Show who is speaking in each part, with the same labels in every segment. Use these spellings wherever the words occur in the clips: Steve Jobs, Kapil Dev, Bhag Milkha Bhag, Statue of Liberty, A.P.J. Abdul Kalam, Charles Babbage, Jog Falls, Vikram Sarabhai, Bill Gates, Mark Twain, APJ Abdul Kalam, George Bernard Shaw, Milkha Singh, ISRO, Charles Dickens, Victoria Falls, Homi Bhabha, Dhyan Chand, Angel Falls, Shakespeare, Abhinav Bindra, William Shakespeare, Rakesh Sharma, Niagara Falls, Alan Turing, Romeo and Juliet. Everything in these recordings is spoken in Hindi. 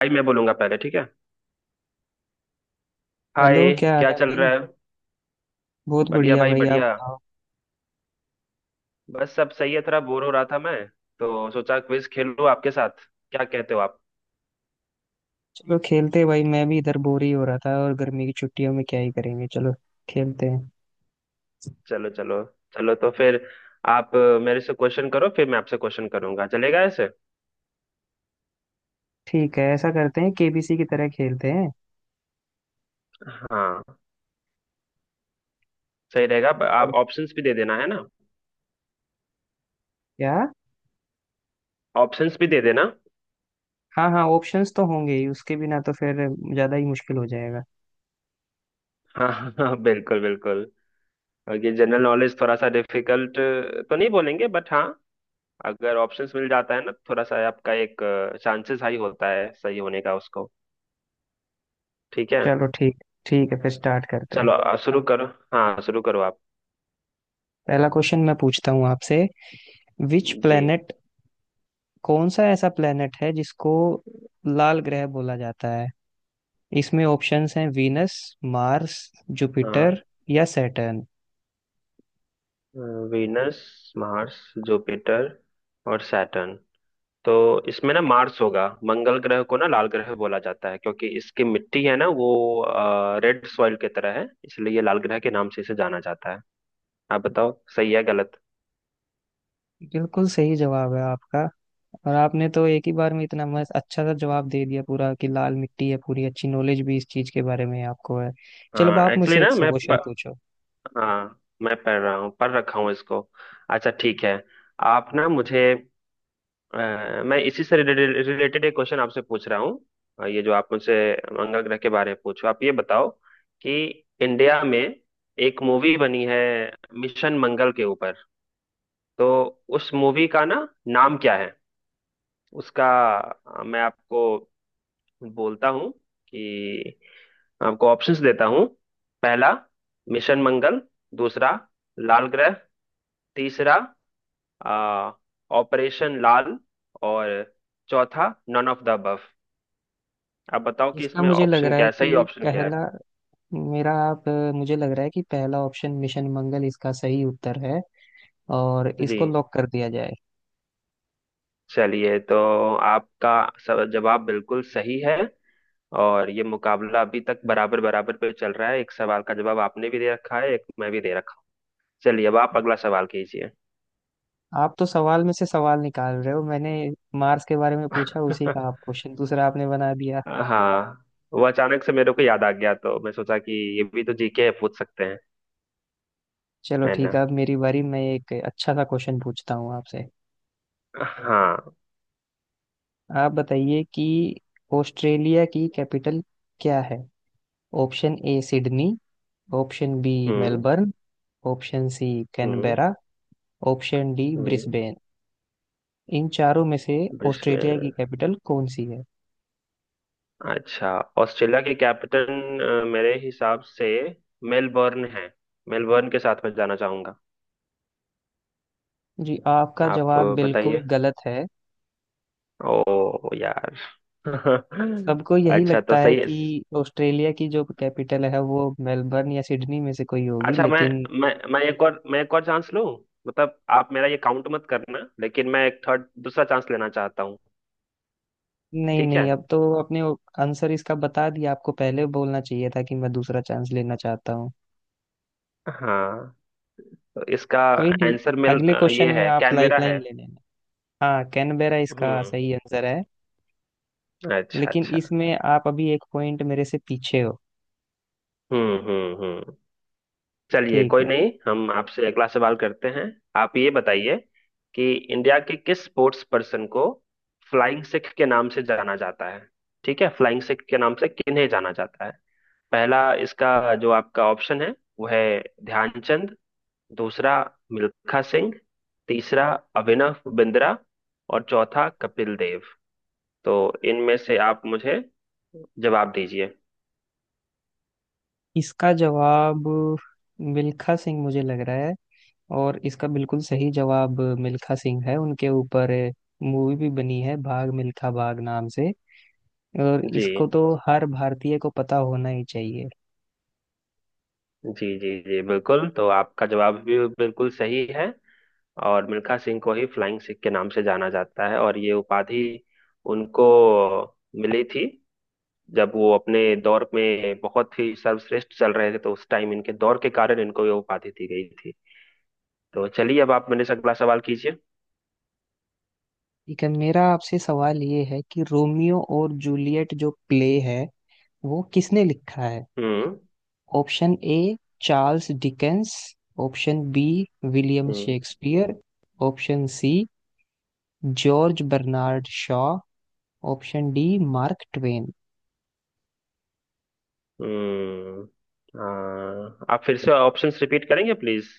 Speaker 1: भाई मैं बोलूंगा पहले, ठीक है।
Speaker 2: हेलो,
Speaker 1: हाय,
Speaker 2: क्या हाल
Speaker 1: क्या
Speaker 2: है
Speaker 1: चल
Speaker 2: भाई।
Speaker 1: रहा है।
Speaker 2: बहुत
Speaker 1: बढ़िया
Speaker 2: बढ़िया
Speaker 1: भाई,
Speaker 2: भाई, आप
Speaker 1: बढ़िया।
Speaker 2: बताओ।
Speaker 1: बस सब सही है, थोड़ा बोर हो रहा था मैं, तो सोचा क्विज खेल लूं आपके साथ। क्या कहते हो आप।
Speaker 2: चलो खेलते हैं भाई, मैं भी इधर बोर ही हो रहा था और गर्मी की छुट्टियों में क्या ही करेंगे। चलो खेलते हैं।
Speaker 1: चलो चलो। चलो तो फिर। आप अ, मेरे से क्वेश्चन करो, फिर मैं आपसे क्वेश्चन करूंगा। चलेगा ऐसे।
Speaker 2: ठीक है, ऐसा करते हैं, केबीसी की तरह खेलते हैं।
Speaker 1: हाँ, सही रहेगा। आप
Speaker 2: और
Speaker 1: ऑप्शंस भी दे देना, है ना।
Speaker 2: क्या।
Speaker 1: ऑप्शंस भी दे देना।
Speaker 2: हाँ हाँ, ऑप्शंस तो होंगे ही, उसके बिना तो फिर ज्यादा ही मुश्किल हो जाएगा।
Speaker 1: हाँ हाँ हाँ, बिल्कुल बिल्कुल। और ये जनरल नॉलेज थोड़ा सा डिफिकल्ट तो नहीं बोलेंगे, बट हाँ, अगर ऑप्शंस मिल जाता है ना थोड़ा सा, आपका एक चांसेस हाई होता है सही होने का उसको। ठीक है।
Speaker 2: चलो ठीक ठीक है, फिर स्टार्ट करते हैं।
Speaker 1: चलो तो शुरू बताओ करो। हाँ, शुरू करो आप।
Speaker 2: पहला क्वेश्चन मैं पूछता हूँ आपसे। विच
Speaker 1: जी।
Speaker 2: प्लेनेट, कौन सा ऐसा प्लेनेट है जिसको लाल ग्रह बोला जाता है। इसमें ऑप्शंस हैं वीनस, मार्स,
Speaker 1: हाँ।
Speaker 2: जुपिटर या सैटर्न।
Speaker 1: वीनस, मार्स, जुपिटर और सैटर्न। तो इसमें ना मार्स होगा। मंगल ग्रह को ना लाल ग्रह बोला जाता है क्योंकि इसकी मिट्टी है ना वो रेड सॉइल की तरह है, इसलिए ये लाल ग्रह के नाम से इसे जाना जाता है। आप बताओ सही है गलत।
Speaker 2: बिल्कुल सही जवाब है आपका। और आपने तो एक ही बार में इतना मस्त अच्छा सा जवाब दे दिया पूरा कि लाल मिट्टी है, पूरी अच्छी नॉलेज भी इस चीज के बारे में आपको है। चलो, अब
Speaker 1: हाँ
Speaker 2: आप
Speaker 1: एक्चुअली
Speaker 2: मुझसे
Speaker 1: ना
Speaker 2: 100
Speaker 1: मैं प,
Speaker 2: क्वेश्चन पूछो।
Speaker 1: हाँ, मैं पढ़ रहा हूँ, पढ़ रखा हूँ इसको। अच्छा ठीक है। आप ना मुझे, अ, मैं इसी से रिलेटेड रिलेटेड एक क्वेश्चन आपसे पूछ रहा हूँ। ये जो आप मुझसे मंगल ग्रह के बारे में पूछो, आप ये बताओ कि इंडिया में एक मूवी बनी है मिशन मंगल के ऊपर। तो उस मूवी का ना नाम क्या है उसका। मैं आपको बोलता हूँ कि आपको ऑप्शंस देता हूँ। पहला मिशन मंगल, दूसरा लाल ग्रह, तीसरा अ, ऑपरेशन लाल, और चौथा नन ऑफ द अबव। आप बताओ कि
Speaker 2: इसका
Speaker 1: इसमें
Speaker 2: मुझे लग
Speaker 1: ऑप्शन
Speaker 2: रहा
Speaker 1: क्या
Speaker 2: है
Speaker 1: है,
Speaker 2: कि
Speaker 1: सही ऑप्शन क्या है।
Speaker 2: पहला, मेरा आप मुझे लग रहा है कि पहला ऑप्शन मिशन मंगल इसका सही उत्तर है और इसको
Speaker 1: जी।
Speaker 2: लॉक कर दिया जाए।
Speaker 1: चलिए तो आपका सब जवाब बिल्कुल सही है। और ये मुकाबला अभी तक बराबर बराबर पे चल रहा है, एक सवाल का जवाब आपने भी दे रखा है, एक मैं भी दे रखा हूँ। चलिए, अब आप अगला सवाल कीजिए।
Speaker 2: आप तो सवाल में से सवाल निकाल रहे हो, मैंने मार्स के बारे में पूछा उसी का आप क्वेश्चन दूसरा आपने बना दिया।
Speaker 1: हाँ, वो अचानक से मेरे को याद आ गया, तो मैं सोचा कि ये भी तो जीके है, पूछ सकते हैं,
Speaker 2: चलो
Speaker 1: है ना।
Speaker 2: ठीक है, अब मेरी बारी, मैं एक अच्छा सा क्वेश्चन पूछता हूँ आपसे।
Speaker 1: हाँ।
Speaker 2: आप बताइए कि ऑस्ट्रेलिया की कैपिटल क्या है। Option A Sydney, option B
Speaker 1: hmm
Speaker 2: Melbourne, option C
Speaker 1: hmm
Speaker 2: Canberra, option D
Speaker 1: hmm.
Speaker 2: Brisbane. इन चारों में से
Speaker 1: विश्व।
Speaker 2: ऑस्ट्रेलिया की कैपिटल कौन सी है।
Speaker 1: अच्छा, ऑस्ट्रेलिया की कैपिटल मेरे हिसाब से मेलबर्न है। मेलबर्न के साथ मैं जाना चाहूंगा।
Speaker 2: जी, आपका
Speaker 1: आप
Speaker 2: जवाब
Speaker 1: अ,
Speaker 2: बिल्कुल
Speaker 1: बताइए।
Speaker 2: गलत है।
Speaker 1: ओ यार।
Speaker 2: सबको यही
Speaker 1: अच्छा, तो
Speaker 2: लगता है
Speaker 1: सही है।
Speaker 2: कि ऑस्ट्रेलिया की जो कैपिटल है वो मेलबर्न या सिडनी में से कोई होगी,
Speaker 1: अच्छा, मैं
Speaker 2: लेकिन
Speaker 1: मैं मैं एक और मैं एक और चांस लूं। मतलब आप मेरा ये काउंट मत करना, लेकिन मैं एक थर्ड दूसरा चांस लेना चाहता हूँ।
Speaker 2: नहीं
Speaker 1: ठीक है।
Speaker 2: नहीं, अब तो अपने आंसर इसका बता दिया आपको, पहले बोलना चाहिए था कि मैं दूसरा चांस लेना चाहता हूँ।
Speaker 1: हाँ, तो इसका
Speaker 2: कोई नहीं,
Speaker 1: आंसर मिल
Speaker 2: अगले
Speaker 1: अ,
Speaker 2: क्वेश्चन
Speaker 1: ये
Speaker 2: में
Speaker 1: है,
Speaker 2: आप
Speaker 1: कैनवेरा है।
Speaker 2: लाइफलाइन ले लेना। हाँ, कैनबेरा इसका
Speaker 1: हम्म,
Speaker 2: सही आंसर है।
Speaker 1: अच्छा
Speaker 2: लेकिन
Speaker 1: अच्छा।
Speaker 2: इसमें आप अभी एक पॉइंट मेरे से पीछे हो।
Speaker 1: हम्म। चलिए,
Speaker 2: ठीक
Speaker 1: कोई
Speaker 2: है।
Speaker 1: नहीं, हम आपसे अगला सवाल करते हैं। आप ये बताइए कि इंडिया के किस स्पोर्ट्स पर्सन को फ्लाइंग सिख के नाम से जाना जाता है। ठीक है, फ्लाइंग सिख के नाम से किन्हें जाना जाता है। पहला, इसका जो आपका ऑप्शन है वो है ध्यानचंद, दूसरा मिल्खा सिंह, तीसरा अभिनव बिंद्रा, और चौथा कपिल देव। तो इनमें से आप मुझे जवाब दीजिए।
Speaker 2: इसका जवाब मिल्खा सिंह मुझे लग रहा है, और इसका बिल्कुल सही जवाब मिल्खा सिंह है। उनके ऊपर मूवी भी बनी है भाग मिल्खा भाग नाम से, और
Speaker 1: जी।
Speaker 2: इसको तो हर भारतीय को पता होना ही चाहिए।
Speaker 1: जी जी जी बिल्कुल, तो आपका जवाब भी बिल्कुल सही है। और मिल्खा सिंह को ही फ्लाइंग सिख के नाम से जाना जाता है, और ये उपाधि उनको मिली थी जब वो अपने दौर में बहुत ही सर्वश्रेष्ठ चल रहे थे, तो उस टाइम इनके दौर के कारण इनको ये उपाधि दी गई थी। तो चलिए, अब आप मेरे से अगला सवाल कीजिए।
Speaker 2: ठीक है, मेरा आपसे सवाल ये है कि रोमियो और जूलियट जो प्ले है वो किसने लिखा है।
Speaker 1: हम्म
Speaker 2: option A Charles Dickens, option B William
Speaker 1: hmm
Speaker 2: Shakespeare, option C George Bernard Shaw, option D Mark Twain.
Speaker 1: Hmm. हाँ, आप फिर से ऑप्शंस रिपीट करेंगे प्लीज।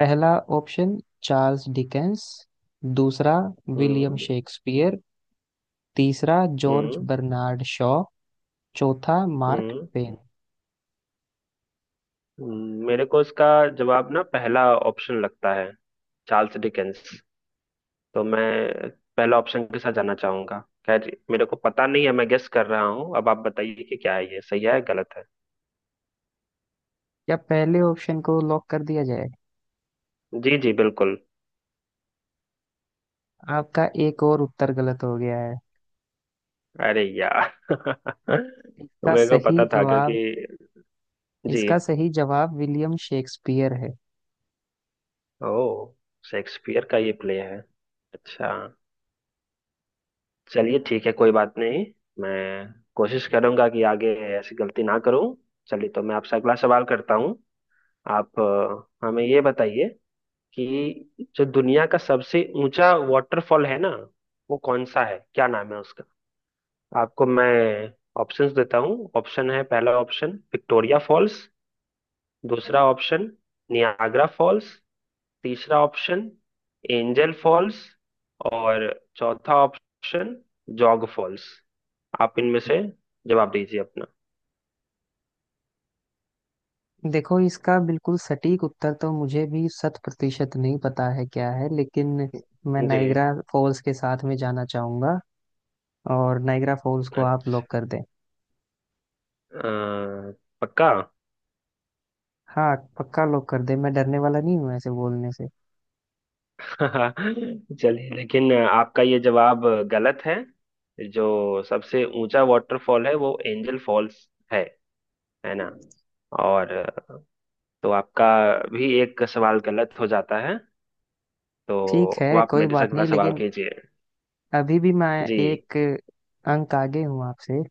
Speaker 2: पहला ऑप्शन चार्ल्स डिकेंस, दूसरा विलियम
Speaker 1: हम्म
Speaker 2: शेक्सपियर, तीसरा जॉर्ज
Speaker 1: हम्म
Speaker 2: बर्नार्ड शॉ, चौथा मार्क
Speaker 1: हम्म।
Speaker 2: ट्वेन।
Speaker 1: मेरे को इसका जवाब ना पहला ऑप्शन लगता है, चार्ल्स डिकेंस। तो मैं पहला ऑप्शन के साथ जाना चाहूंगा। खैर, मेरे को पता नहीं है, मैं गेस कर रहा हूँ। अब आप बताइए कि क्या है, ये सही है गलत है।
Speaker 2: क्या पहले ऑप्शन को लॉक कर दिया जाए।
Speaker 1: जी जी बिल्कुल।
Speaker 2: आपका एक और उत्तर गलत हो गया है।
Speaker 1: अरे यार।
Speaker 2: इसका
Speaker 1: मेरे को
Speaker 2: सही
Speaker 1: पता था क्योंकि।
Speaker 2: जवाब
Speaker 1: जी।
Speaker 2: इसका सही जवाब विलियम शेक्सपियर है।
Speaker 1: ओ, शेक्सपियर का ये प्ले है। अच्छा। चलिए ठीक है, कोई बात नहीं। मैं कोशिश करूंगा कि आगे ऐसी गलती ना करूं। चलिए तो मैं आपसे अगला सवाल करता हूं। आप हमें ये बताइए कि जो दुनिया का सबसे ऊंचा वाटरफॉल है ना, वो कौन सा है, क्या नाम है उसका। आपको मैं ऑप्शंस देता हूँ। ऑप्शन है, पहला ऑप्शन विक्टोरिया फॉल्स, दूसरा ऑप्शन नियाग्रा फॉल्स, तीसरा ऑप्शन एंजल फॉल्स, और चौथा ऑप्शन जॉग फॉल्स। आप इनमें से जवाब दीजिए अपना।
Speaker 2: देखो, इसका बिल्कुल सटीक उत्तर तो मुझे भी 100% नहीं पता है क्या है, लेकिन मैं
Speaker 1: जी।
Speaker 2: नाइग्रा फॉल्स के साथ में जाना चाहूंगा और नाइग्रा फॉल्स को
Speaker 1: अ-
Speaker 2: आप लॉक कर दें।
Speaker 1: अ, पक्का।
Speaker 2: हाँ पक्का, लॉक कर दें, मैं डरने वाला नहीं हूँ ऐसे बोलने से।
Speaker 1: हाँ, चलिए, लेकिन आपका ये जवाब गलत है। जो सबसे ऊंचा वाटरफॉल है वो एंजल फॉल्स है है ना। और तो आपका भी एक सवाल गलत हो जाता है। तो
Speaker 2: ठीक
Speaker 1: अब
Speaker 2: है,
Speaker 1: आप
Speaker 2: कोई
Speaker 1: मेरे से
Speaker 2: बात
Speaker 1: अगला
Speaker 2: नहीं,
Speaker 1: सवाल
Speaker 2: लेकिन
Speaker 1: कीजिए।
Speaker 2: अभी भी मैं
Speaker 1: जी।
Speaker 2: एक अंक आगे हूँ आपसे।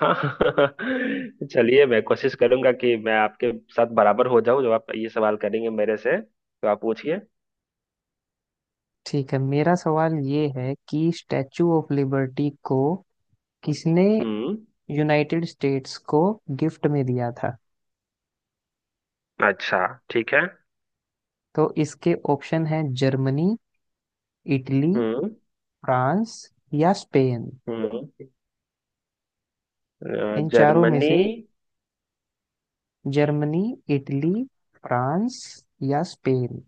Speaker 1: हाँ। चलिए, मैं कोशिश करूंगा कि मैं आपके साथ बराबर हो जाऊं। जब आप ये सवाल करेंगे मेरे से, तो आप पूछिए।
Speaker 2: ठीक है, मेरा सवाल ये है कि स्टैचू ऑफ लिबर्टी को किसने
Speaker 1: हम्म।
Speaker 2: यूनाइटेड स्टेट्स को गिफ्ट में दिया था।
Speaker 1: अच्छा ठीक है।
Speaker 2: तो इसके ऑप्शन है जर्मनी, इटली,
Speaker 1: हम्म
Speaker 2: फ्रांस या स्पेन।
Speaker 1: हम्म।
Speaker 2: इन चारों में
Speaker 1: जर्मनी।
Speaker 2: से जर्मनी, इटली, फ्रांस या स्पेन।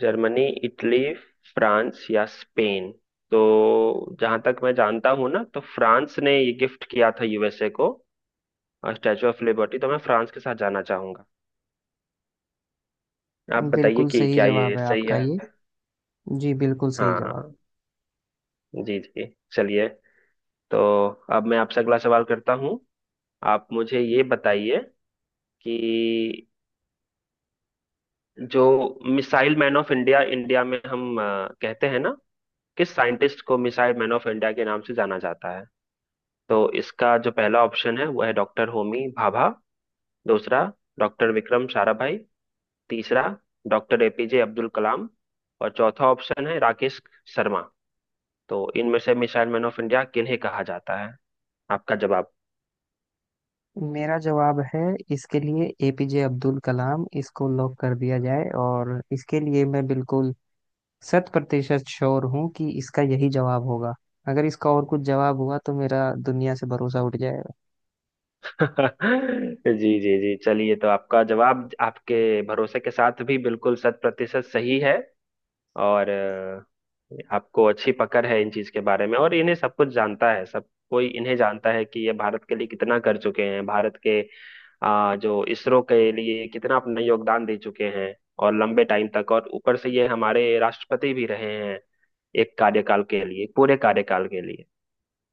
Speaker 1: जर्मनी, इटली, फ्रांस या स्पेन। तो जहां तक मैं जानता हूं ना, तो फ्रांस ने ये गिफ्ट किया था यूएसए को, स्टैचू ऑफ लिबर्टी। तो मैं फ्रांस के साथ जाना चाहूंगा। आप बताइए
Speaker 2: बिल्कुल
Speaker 1: कि
Speaker 2: सही
Speaker 1: क्या
Speaker 2: जवाब
Speaker 1: ये
Speaker 2: है
Speaker 1: सही
Speaker 2: आपका
Speaker 1: है।
Speaker 2: ये। जी बिल्कुल सही जवाब।
Speaker 1: हाँ। जी जी। चलिए, तो अब मैं आपसे अगला सवाल करता हूँ। आप मुझे ये बताइए कि जो मिसाइल मैन ऑफ इंडिया, में हम कहते हैं ना, किस साइंटिस्ट को मिसाइल मैन ऑफ इंडिया के नाम से जाना जाता है। तो इसका जो पहला ऑप्शन है वो है डॉक्टर होमी भाभा, दूसरा डॉक्टर विक्रम साराभाई, तीसरा डॉक्टर एपीजे अब्दुल कलाम, और चौथा ऑप्शन है राकेश शर्मा। तो इनमें से मिसाइल मैन ऑफ इंडिया किन्हें कहा जाता है, आपका जवाब।
Speaker 2: मेरा जवाब है इसके लिए एपीजे अब्दुल कलाम, इसको लॉक कर दिया जाए, और इसके लिए मैं बिल्कुल 100% श्योर हूँ कि इसका यही जवाब होगा। अगर इसका और कुछ जवाब हुआ तो मेरा दुनिया से भरोसा उठ जाएगा।
Speaker 1: जी जी जी, चलिए तो आपका जवाब आपके भरोसे के साथ भी बिल्कुल शत प्रतिशत सही है। और आपको अच्छी पकड़ है इन चीज के बारे में, और इन्हें सब कुछ जानता है, सब कोई इन्हें जानता है कि ये भारत के लिए कितना कर चुके हैं। भारत के जो इसरो के लिए कितना अपना योगदान दे चुके हैं, और लंबे टाइम तक। और ऊपर से ये हमारे राष्ट्रपति भी रहे हैं, एक कार्यकाल के लिए, पूरे कार्यकाल के लिए।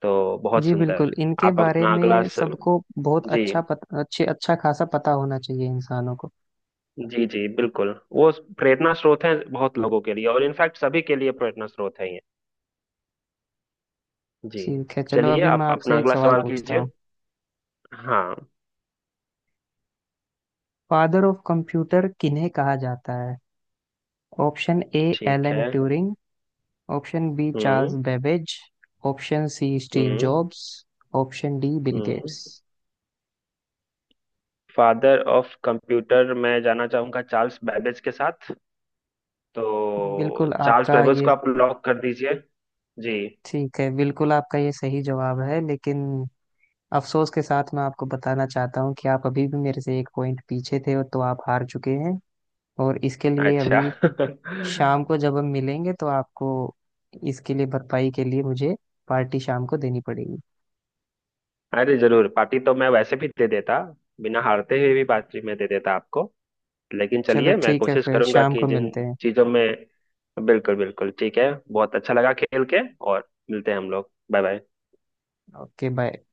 Speaker 1: तो बहुत
Speaker 2: जी
Speaker 1: सुंदर।
Speaker 2: बिल्कुल, इनके
Speaker 1: आप
Speaker 2: बारे
Speaker 1: अपना अगला
Speaker 2: में
Speaker 1: स...
Speaker 2: सबको बहुत
Speaker 1: जी।
Speaker 2: अच्छा पत, अच्छे अच्छा खासा पता होना चाहिए इंसानों को।
Speaker 1: जी जी बिल्कुल, वो प्रेरणा स्रोत है बहुत लोगों के लिए, और इनफैक्ट सभी के लिए प्रेरणा स्रोत है ये। जी।
Speaker 2: ठीक है चलो,
Speaker 1: चलिए,
Speaker 2: अभी मैं
Speaker 1: आप अपना
Speaker 2: आपसे एक
Speaker 1: अगला
Speaker 2: सवाल
Speaker 1: सवाल
Speaker 2: पूछता
Speaker 1: कीजिए।
Speaker 2: हूँ।
Speaker 1: हाँ।
Speaker 2: फादर ऑफ कंप्यूटर किन्हें कहा जाता है। ऑप्शन ए
Speaker 1: ठीक
Speaker 2: एलन
Speaker 1: है।
Speaker 2: Turing, option B Charles
Speaker 1: hmm
Speaker 2: Babbage, option C Steve
Speaker 1: hmm
Speaker 2: Jobs, option D Bill
Speaker 1: hmm.
Speaker 2: Gates.
Speaker 1: Father of computer मैं जाना चाहूंगा चार्ल्स बैबेज के साथ। तो
Speaker 2: बिल्कुल
Speaker 1: चार्ल्स
Speaker 2: आपका
Speaker 1: बैबेज
Speaker 2: ये
Speaker 1: को आप लॉक कर दीजिए। जी।
Speaker 2: ठीक है, बिल्कुल आपका ये सही जवाब है, लेकिन अफसोस के साथ मैं आपको बताना चाहता हूँ कि आप अभी भी मेरे से एक पॉइंट पीछे थे और तो आप हार चुके हैं, और इसके लिए
Speaker 1: अच्छा।
Speaker 2: अभी शाम को जब हम मिलेंगे तो आपको इसके लिए भरपाई के लिए मुझे पार्टी शाम को देनी पड़ेगी।
Speaker 1: अरे जरूर, पार्टी तो मैं वैसे भी दे देता। बिना हारते हुए भी पार्टी मैं दे देता आपको। लेकिन
Speaker 2: चलो
Speaker 1: चलिए, मैं
Speaker 2: ठीक है,
Speaker 1: कोशिश
Speaker 2: फिर
Speaker 1: करूंगा
Speaker 2: शाम
Speaker 1: कि
Speaker 2: को
Speaker 1: जिन
Speaker 2: मिलते हैं।
Speaker 1: चीजों में, बिल्कुल बिल्कुल ठीक है, बहुत अच्छा लगा खेल के। और मिलते हैं हम लोग, बाय बाय।
Speaker 2: Okay bye.